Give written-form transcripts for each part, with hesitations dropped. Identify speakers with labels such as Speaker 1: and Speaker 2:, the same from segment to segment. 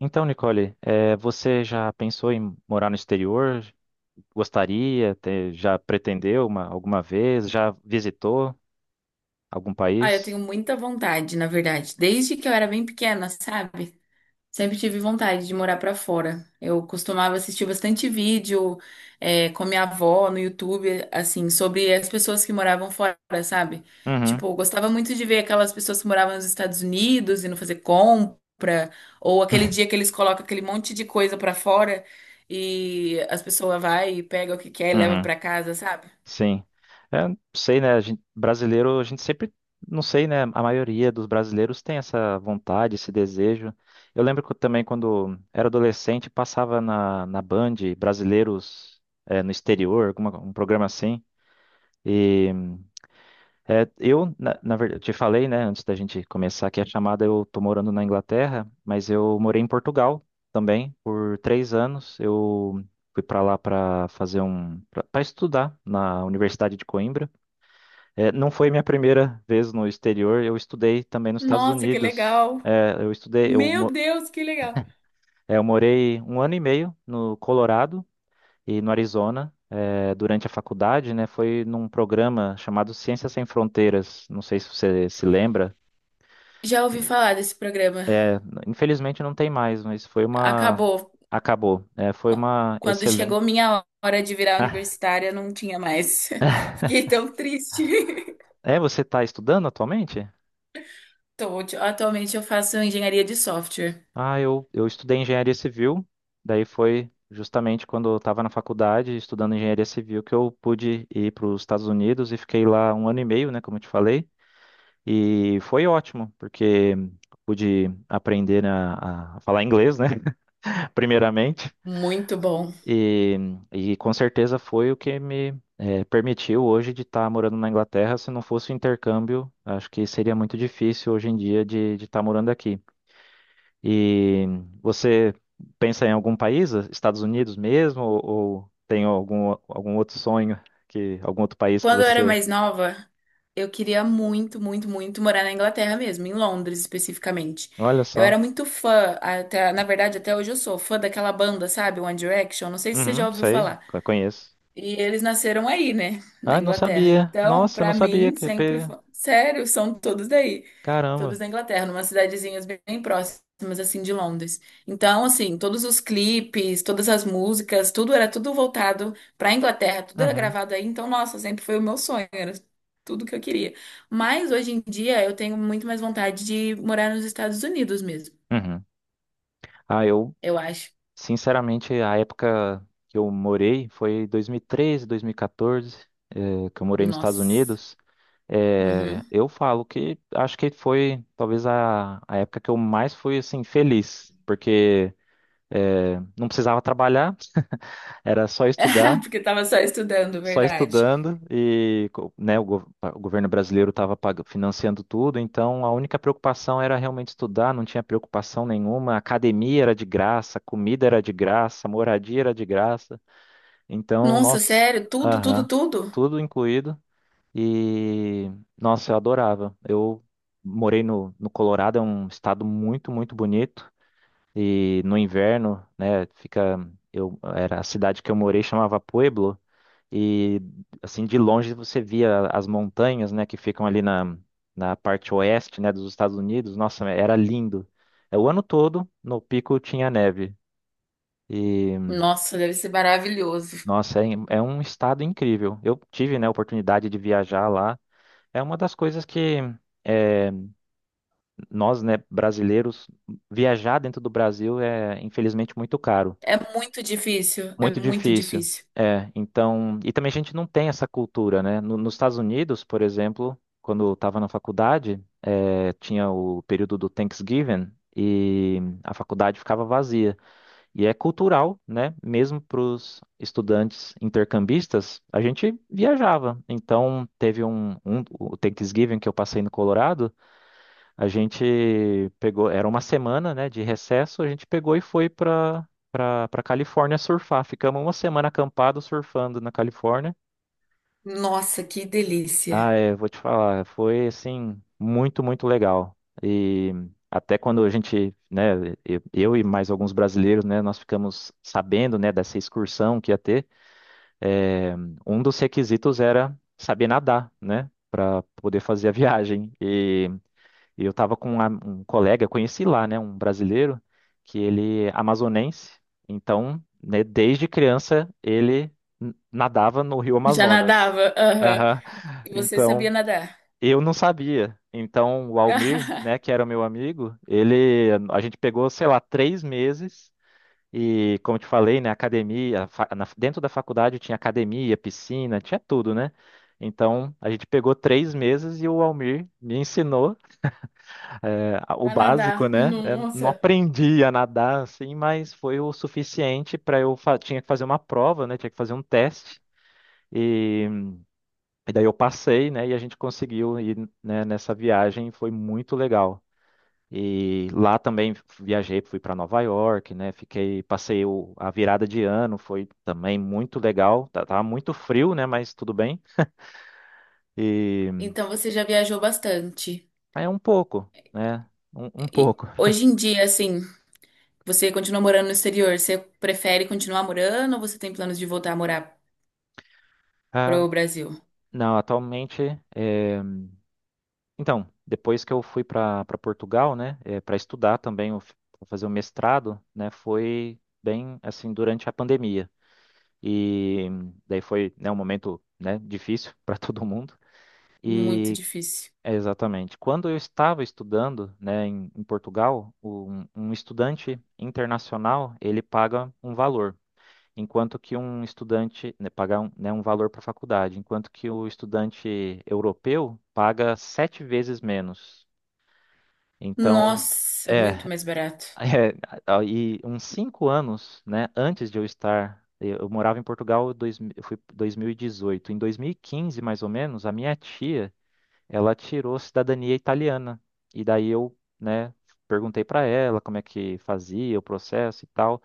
Speaker 1: Então, Nicole, você já pensou em morar no exterior? Gostaria? Já pretendeu uma, alguma vez? Já visitou algum
Speaker 2: Ah, eu
Speaker 1: país?
Speaker 2: tenho muita vontade, na verdade. Desde que eu era bem pequena, sabe? Sempre tive vontade de morar pra fora. Eu costumava assistir bastante vídeo, com a minha avó no YouTube, assim, sobre as pessoas que moravam fora, sabe?
Speaker 1: Uhum,
Speaker 2: Tipo, eu gostava muito de ver aquelas pessoas que moravam nos Estados Unidos e não fazer compra, ou aquele dia que eles colocam aquele monte de coisa pra fora e as pessoas vai e pega o que quer e leva
Speaker 1: uhum,
Speaker 2: pra casa, sabe?
Speaker 1: sim. É, não sei, né? Brasileiro, a gente sempre, não sei, né? A maioria dos brasileiros tem essa vontade, esse desejo. Eu lembro que eu também, quando era adolescente, passava na Band brasileiros no exterior, alguma, um programa assim. É, eu, na verdade, eu te falei, né, antes da gente começar aqui a chamada, eu tô morando na Inglaterra, mas eu morei em Portugal também por 3 anos. Eu fui para lá para fazer para estudar na Universidade de Coimbra. É, não foi minha primeira vez no exterior, eu estudei também nos Estados
Speaker 2: Nossa, que
Speaker 1: Unidos.
Speaker 2: legal!
Speaker 1: É, eu estudei,
Speaker 2: Meu Deus, que legal!
Speaker 1: é, eu morei 1 ano e meio no Colorado e no Arizona. Durante a faculdade, né, foi num programa chamado Ciências Sem Fronteiras. Não sei se você se lembra.
Speaker 2: Já ouvi falar desse programa.
Speaker 1: É, infelizmente não tem mais, mas foi uma.
Speaker 2: Acabou.
Speaker 1: Acabou. É, foi
Speaker 2: Qu-
Speaker 1: uma
Speaker 2: Quando chegou
Speaker 1: excelente.
Speaker 2: minha hora de virar universitária, não tinha mais.
Speaker 1: Ah,
Speaker 2: Fiquei tão triste.
Speaker 1: é, você está estudando atualmente?
Speaker 2: Atualmente eu faço engenharia de software.
Speaker 1: Ah, eu estudei engenharia civil, daí foi justamente quando eu estava na faculdade estudando engenharia civil que eu pude ir para os Estados Unidos e fiquei lá 1 ano e meio, né, como eu te falei, e foi ótimo, porque pude aprender a falar inglês, né, primeiramente,
Speaker 2: Muito bom.
Speaker 1: E, e com certeza foi o que me permitiu hoje de estar morando na Inglaterra. Se não fosse o intercâmbio, acho que seria muito difícil hoje em dia de estar morando aqui. E você pensa em algum país, Estados Unidos mesmo, ou tem algum, algum outro sonho que algum outro país que
Speaker 2: Quando eu era
Speaker 1: você...
Speaker 2: mais nova, eu queria muito, muito, muito morar na Inglaterra mesmo, em Londres especificamente.
Speaker 1: Olha
Speaker 2: Eu
Speaker 1: só.
Speaker 2: era muito fã, até, na verdade, até hoje eu sou fã daquela banda, sabe? One Direction. Não sei se você já
Speaker 1: Uhum,
Speaker 2: ouviu
Speaker 1: sei,
Speaker 2: falar.
Speaker 1: conheço.
Speaker 2: E eles nasceram aí, né? Na
Speaker 1: Ah, não
Speaker 2: Inglaterra.
Speaker 1: sabia.
Speaker 2: Então,
Speaker 1: Nossa, não
Speaker 2: pra
Speaker 1: sabia
Speaker 2: mim,
Speaker 1: que...
Speaker 2: sempre foi. Sério, são todos daí. Todos
Speaker 1: Caramba.
Speaker 2: da Inglaterra, numa cidadezinhas bem próximas, assim, de Londres. Então, assim, todos os clipes, todas as músicas, tudo era tudo voltado pra Inglaterra, tudo era
Speaker 1: Uhum.
Speaker 2: gravado aí. Então, nossa, sempre foi o meu sonho, era tudo que eu queria. Mas hoje em dia eu tenho muito mais vontade de morar nos Estados Unidos mesmo,
Speaker 1: Uhum. Ah, eu
Speaker 2: eu acho.
Speaker 1: sinceramente, a época que eu morei foi 2013, 2014, que eu morei nos Estados
Speaker 2: Nossa.
Speaker 1: Unidos.
Speaker 2: Uhum.
Speaker 1: Eu falo que acho que foi talvez a época que eu mais fui assim feliz, porque não precisava trabalhar, era só estudar,
Speaker 2: Porque tava só estudando,
Speaker 1: só
Speaker 2: verdade.
Speaker 1: estudando e né, o governo brasileiro estava financiando tudo, então a única preocupação era realmente estudar, não tinha preocupação nenhuma, a academia era de graça, comida era de graça, moradia era de graça. Então,
Speaker 2: Nossa,
Speaker 1: nossa,
Speaker 2: sério? Tudo, tudo,
Speaker 1: aham,
Speaker 2: tudo?
Speaker 1: tudo incluído. E, nossa, eu adorava. Eu morei no Colorado, é um estado muito, muito bonito. E no inverno, né, fica, eu, era a cidade que eu morei, chamava Pueblo. E, assim, de longe você via as montanhas, né, que ficam ali na parte oeste, né, dos Estados Unidos. Nossa, era lindo. É, o ano todo, no pico tinha neve. E
Speaker 2: Nossa, deve ser maravilhoso.
Speaker 1: nossa, é, é um estado incrível. Eu tive, né, a oportunidade de viajar lá. É uma das coisas que eh, nós, né, brasileiros, viajar dentro do Brasil é, infelizmente, muito caro,
Speaker 2: É muito difícil, é
Speaker 1: muito
Speaker 2: muito
Speaker 1: difícil.
Speaker 2: difícil.
Speaker 1: É, então, e também a gente não tem essa cultura, né? Nos Estados Unidos, por exemplo, quando eu estava na faculdade, tinha o período do Thanksgiving e a faculdade ficava vazia. E é cultural, né? Mesmo para os estudantes intercambistas, a gente viajava. Então, teve um, um o Thanksgiving que eu passei no Colorado, a gente pegou, era uma semana, né, de recesso, a gente pegou e foi para Califórnia surfar. Ficamos uma semana acampado surfando na Califórnia.
Speaker 2: Nossa, que
Speaker 1: Ah,
Speaker 2: delícia.
Speaker 1: é, vou te falar, foi assim muito, muito legal. E até quando a gente, né, eu e mais alguns brasileiros, né, nós ficamos sabendo, né, dessa excursão que ia ter, é, um dos requisitos era saber nadar, né, para poder fazer a viagem. E eu estava com um, um colega, conheci lá, né, um brasileiro que ele é amazonense. Então, né, desde criança ele nadava no Rio
Speaker 2: Já
Speaker 1: Amazonas.
Speaker 2: nadava? Aham.
Speaker 1: Aham.
Speaker 2: E você sabia
Speaker 1: Então,
Speaker 2: nadar?
Speaker 1: eu não sabia. Então, o Almir, né, que era o meu amigo, ele, a gente pegou, sei lá, 3 meses e, como eu te falei, né, academia, dentro da faculdade tinha academia, piscina, tinha tudo, né? Então, a gente pegou 3 meses e o Almir me ensinou é, o
Speaker 2: A
Speaker 1: básico,
Speaker 2: nadar.
Speaker 1: né? É, não
Speaker 2: Nossa.
Speaker 1: aprendi a nadar assim, mas foi o suficiente para eu tinha que fazer uma prova, né? Tinha que fazer um teste. E daí eu passei, né, e a gente conseguiu ir, né, nessa viagem, foi muito legal. E lá também viajei, fui para Nova York, né, fiquei, passei a virada de ano, foi também muito legal. Tava muito frio, né, mas tudo bem. E
Speaker 2: Então você já viajou bastante.
Speaker 1: é um pouco, né, um
Speaker 2: E
Speaker 1: pouco.
Speaker 2: hoje em dia, assim, você continua morando no exterior, você prefere continuar morando ou você tem planos de voltar a morar
Speaker 1: Ah,
Speaker 2: pro Brasil?
Speaker 1: não, atualmente, é, então, depois que eu fui para Portugal, né, para estudar também, eu pra fazer o mestrado, né, foi bem assim durante a pandemia. E daí foi, né, um momento, né, difícil para todo mundo.
Speaker 2: Muito
Speaker 1: E
Speaker 2: difícil.
Speaker 1: é, exatamente, quando eu estava estudando, né, em Portugal, um estudante internacional, ele paga um valor, enquanto que um estudante, né, paga um, né, um valor para a faculdade, enquanto que o estudante europeu paga 7 vezes menos. Então,
Speaker 2: Nossa,
Speaker 1: é,
Speaker 2: muito mais barato.
Speaker 1: é, e uns 5 anos, né, antes de eu estar, eu morava em Portugal, dois, eu fui 2018. Em 2015, mais ou menos, a minha tia, ela tirou cidadania italiana. E daí eu, né, perguntei para ela como é que fazia o processo e tal.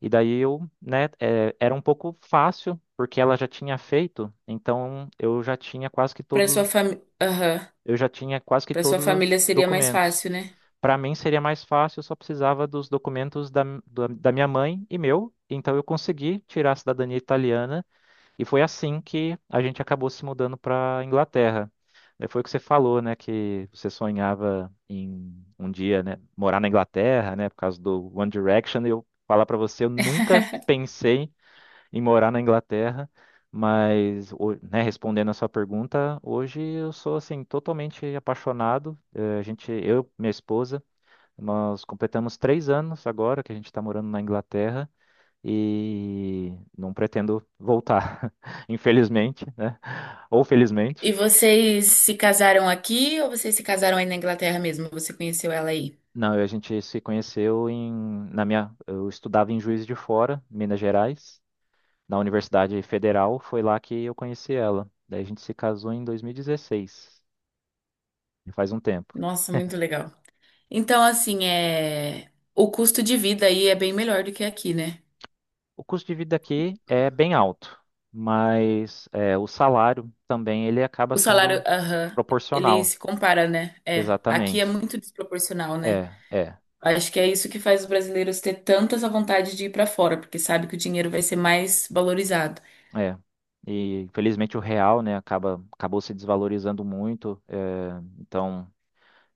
Speaker 1: E daí eu, né, é, era um pouco fácil, porque ela já tinha feito, então eu já tinha quase que
Speaker 2: Pra
Speaker 1: todos,
Speaker 2: sua família.
Speaker 1: eu já tinha quase que
Speaker 2: Para sua
Speaker 1: todos
Speaker 2: família
Speaker 1: os
Speaker 2: seria mais
Speaker 1: documentos.
Speaker 2: fácil, né?
Speaker 1: Para mim seria mais fácil, eu só precisava dos documentos da minha mãe e meu, então eu consegui tirar a cidadania italiana e foi assim que a gente acabou se mudando para Inglaterra. Foi o que você falou, né, que você sonhava em um dia, né, morar na Inglaterra, né, por causa do One Direction. Eu falar para você, eu nunca pensei em morar na Inglaterra, mas, né, respondendo a sua pergunta, hoje eu sou assim totalmente apaixonado. A gente, eu, minha esposa nós completamos 3 anos agora que a gente está morando na Inglaterra e não pretendo voltar, infelizmente, né? Ou felizmente.
Speaker 2: E vocês se casaram aqui ou vocês se casaram aí na Inglaterra mesmo? Você conheceu ela aí?
Speaker 1: Não, a gente se conheceu na minha, eu estudava em Juiz de Fora, Minas Gerais, na Universidade Federal. Foi lá que eu conheci ela. Daí a gente se casou em 2016, já faz um tempo.
Speaker 2: Nossa, muito legal. Então, assim, é... o custo de vida aí é bem melhor do que aqui, né?
Speaker 1: O custo de vida aqui é bem alto, mas é, o salário também ele acaba
Speaker 2: O salário,
Speaker 1: sendo
Speaker 2: aham, ele
Speaker 1: proporcional.
Speaker 2: se compara, né? É, aqui é
Speaker 1: Exatamente.
Speaker 2: muito desproporcional, né?
Speaker 1: É, é,
Speaker 2: Acho que é isso que faz os brasileiros ter tanta essa vontade de ir pra fora, porque sabe que o dinheiro vai ser mais valorizado.
Speaker 1: é. E infelizmente o real, né, acaba, acabou se desvalorizando muito. Então,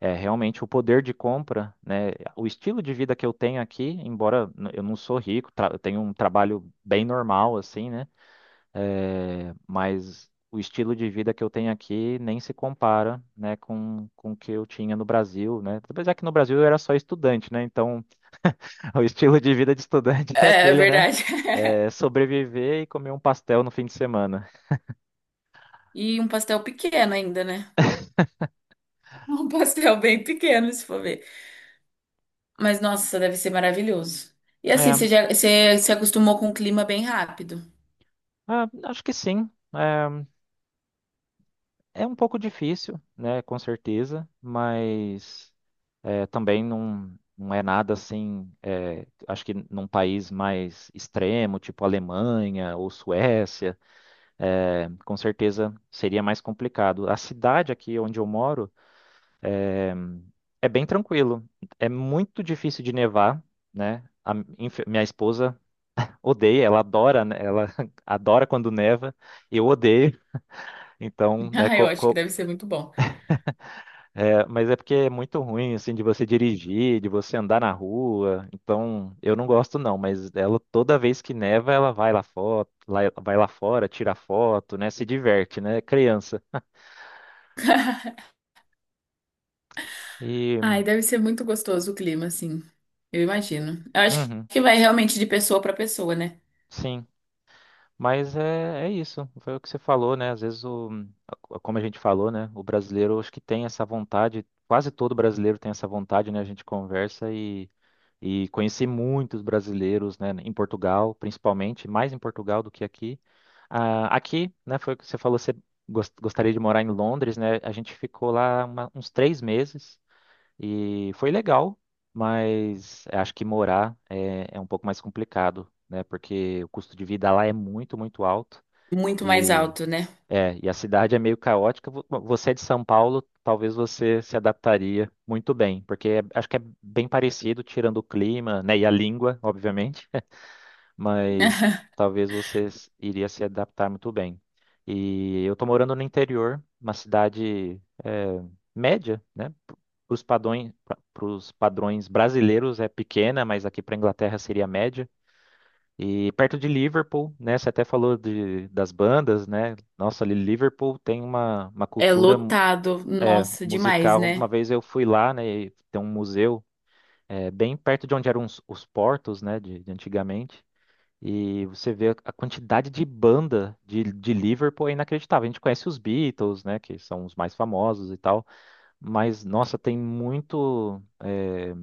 Speaker 1: é realmente o poder de compra, né, o estilo de vida que eu tenho aqui, embora eu não sou rico, eu tenho um trabalho bem normal, assim, né, é, mas o estilo de vida que eu tenho aqui nem se compara, né, com o que eu tinha no Brasil, né? Apesar que no Brasil eu era só estudante, né? Então o estilo de vida de estudante é
Speaker 2: É, é
Speaker 1: aquele, né?
Speaker 2: verdade.
Speaker 1: É, sobreviver e comer um pastel no fim de semana.
Speaker 2: E um pastel pequeno ainda, né? Um pastel bem pequeno, se for ver. Mas nossa, deve ser maravilhoso. E assim,
Speaker 1: É,
Speaker 2: você já você se acostumou com o clima bem rápido.
Speaker 1: ah, acho que sim. É, é um pouco difícil, né? Com certeza, mas. É, também não, não é nada assim. É, acho que num país mais extremo, tipo Alemanha ou Suécia, é, com certeza seria mais complicado. A cidade aqui onde eu moro é bem tranquilo. É muito difícil de nevar, né? Minha esposa odeia, ela adora, né? Ela adora quando neva, eu odeio. Então, né,
Speaker 2: Ah, eu acho que deve ser muito bom.
Speaker 1: é, mas é porque é muito ruim, assim, de você dirigir, de você andar na rua. Então, eu não gosto não, mas ela, toda vez que neva, ela vai lá, foto, vai lá fora, tira foto, né? Se diverte, né? É criança. E,
Speaker 2: Ai, deve ser muito gostoso o clima, assim. Eu imagino. Eu acho
Speaker 1: uhum,
Speaker 2: que vai realmente de pessoa para pessoa, né?
Speaker 1: sim. Mas é, é isso, foi o que você falou, né? Às vezes, o, como a gente falou, né? O brasileiro, acho que tem essa vontade, quase todo brasileiro tem essa vontade, né? A gente conversa e conheci muitos brasileiros, né? Em Portugal, principalmente, mais em Portugal do que aqui. Ah, aqui, né, foi o que você falou, você gostaria de morar em Londres, né? A gente ficou lá uns 3 meses e foi legal, mas acho que morar é, é um pouco mais complicado, né? Porque o custo de vida lá é muito, muito alto
Speaker 2: Muito mais
Speaker 1: e,
Speaker 2: alto, né?
Speaker 1: é, e a cidade é meio caótica. Bom, você é de São Paulo, talvez você se adaptaria muito bem, porque acho que é bem parecido, tirando o clima, né, e a língua, obviamente, mas talvez você iria se adaptar muito bem. E eu tô morando no interior, uma cidade é, média, né? Para os padrões brasileiros é pequena, mas aqui para Inglaterra seria média. E perto de Liverpool, né? Você até falou de, das bandas, né? Nossa, ali Liverpool tem uma
Speaker 2: É
Speaker 1: cultura
Speaker 2: lotado.
Speaker 1: é,
Speaker 2: Nossa, demais,
Speaker 1: musical. Uma
Speaker 2: né?
Speaker 1: vez eu fui lá, né? E tem um museu é, bem perto de onde eram os portos, né? De antigamente. E você vê a quantidade de banda de Liverpool é inacreditável. A gente conhece os Beatles, né, que são os mais famosos e tal, mas nossa, tem muito é,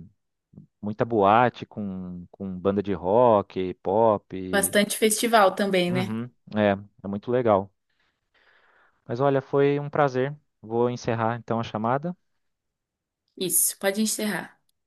Speaker 1: muita boate com banda de rock, pop.
Speaker 2: Bastante festival também, né?
Speaker 1: Uhum, é, é muito legal. Mas olha, foi um prazer. Vou encerrar então a chamada.
Speaker 2: Isso, pode encerrar.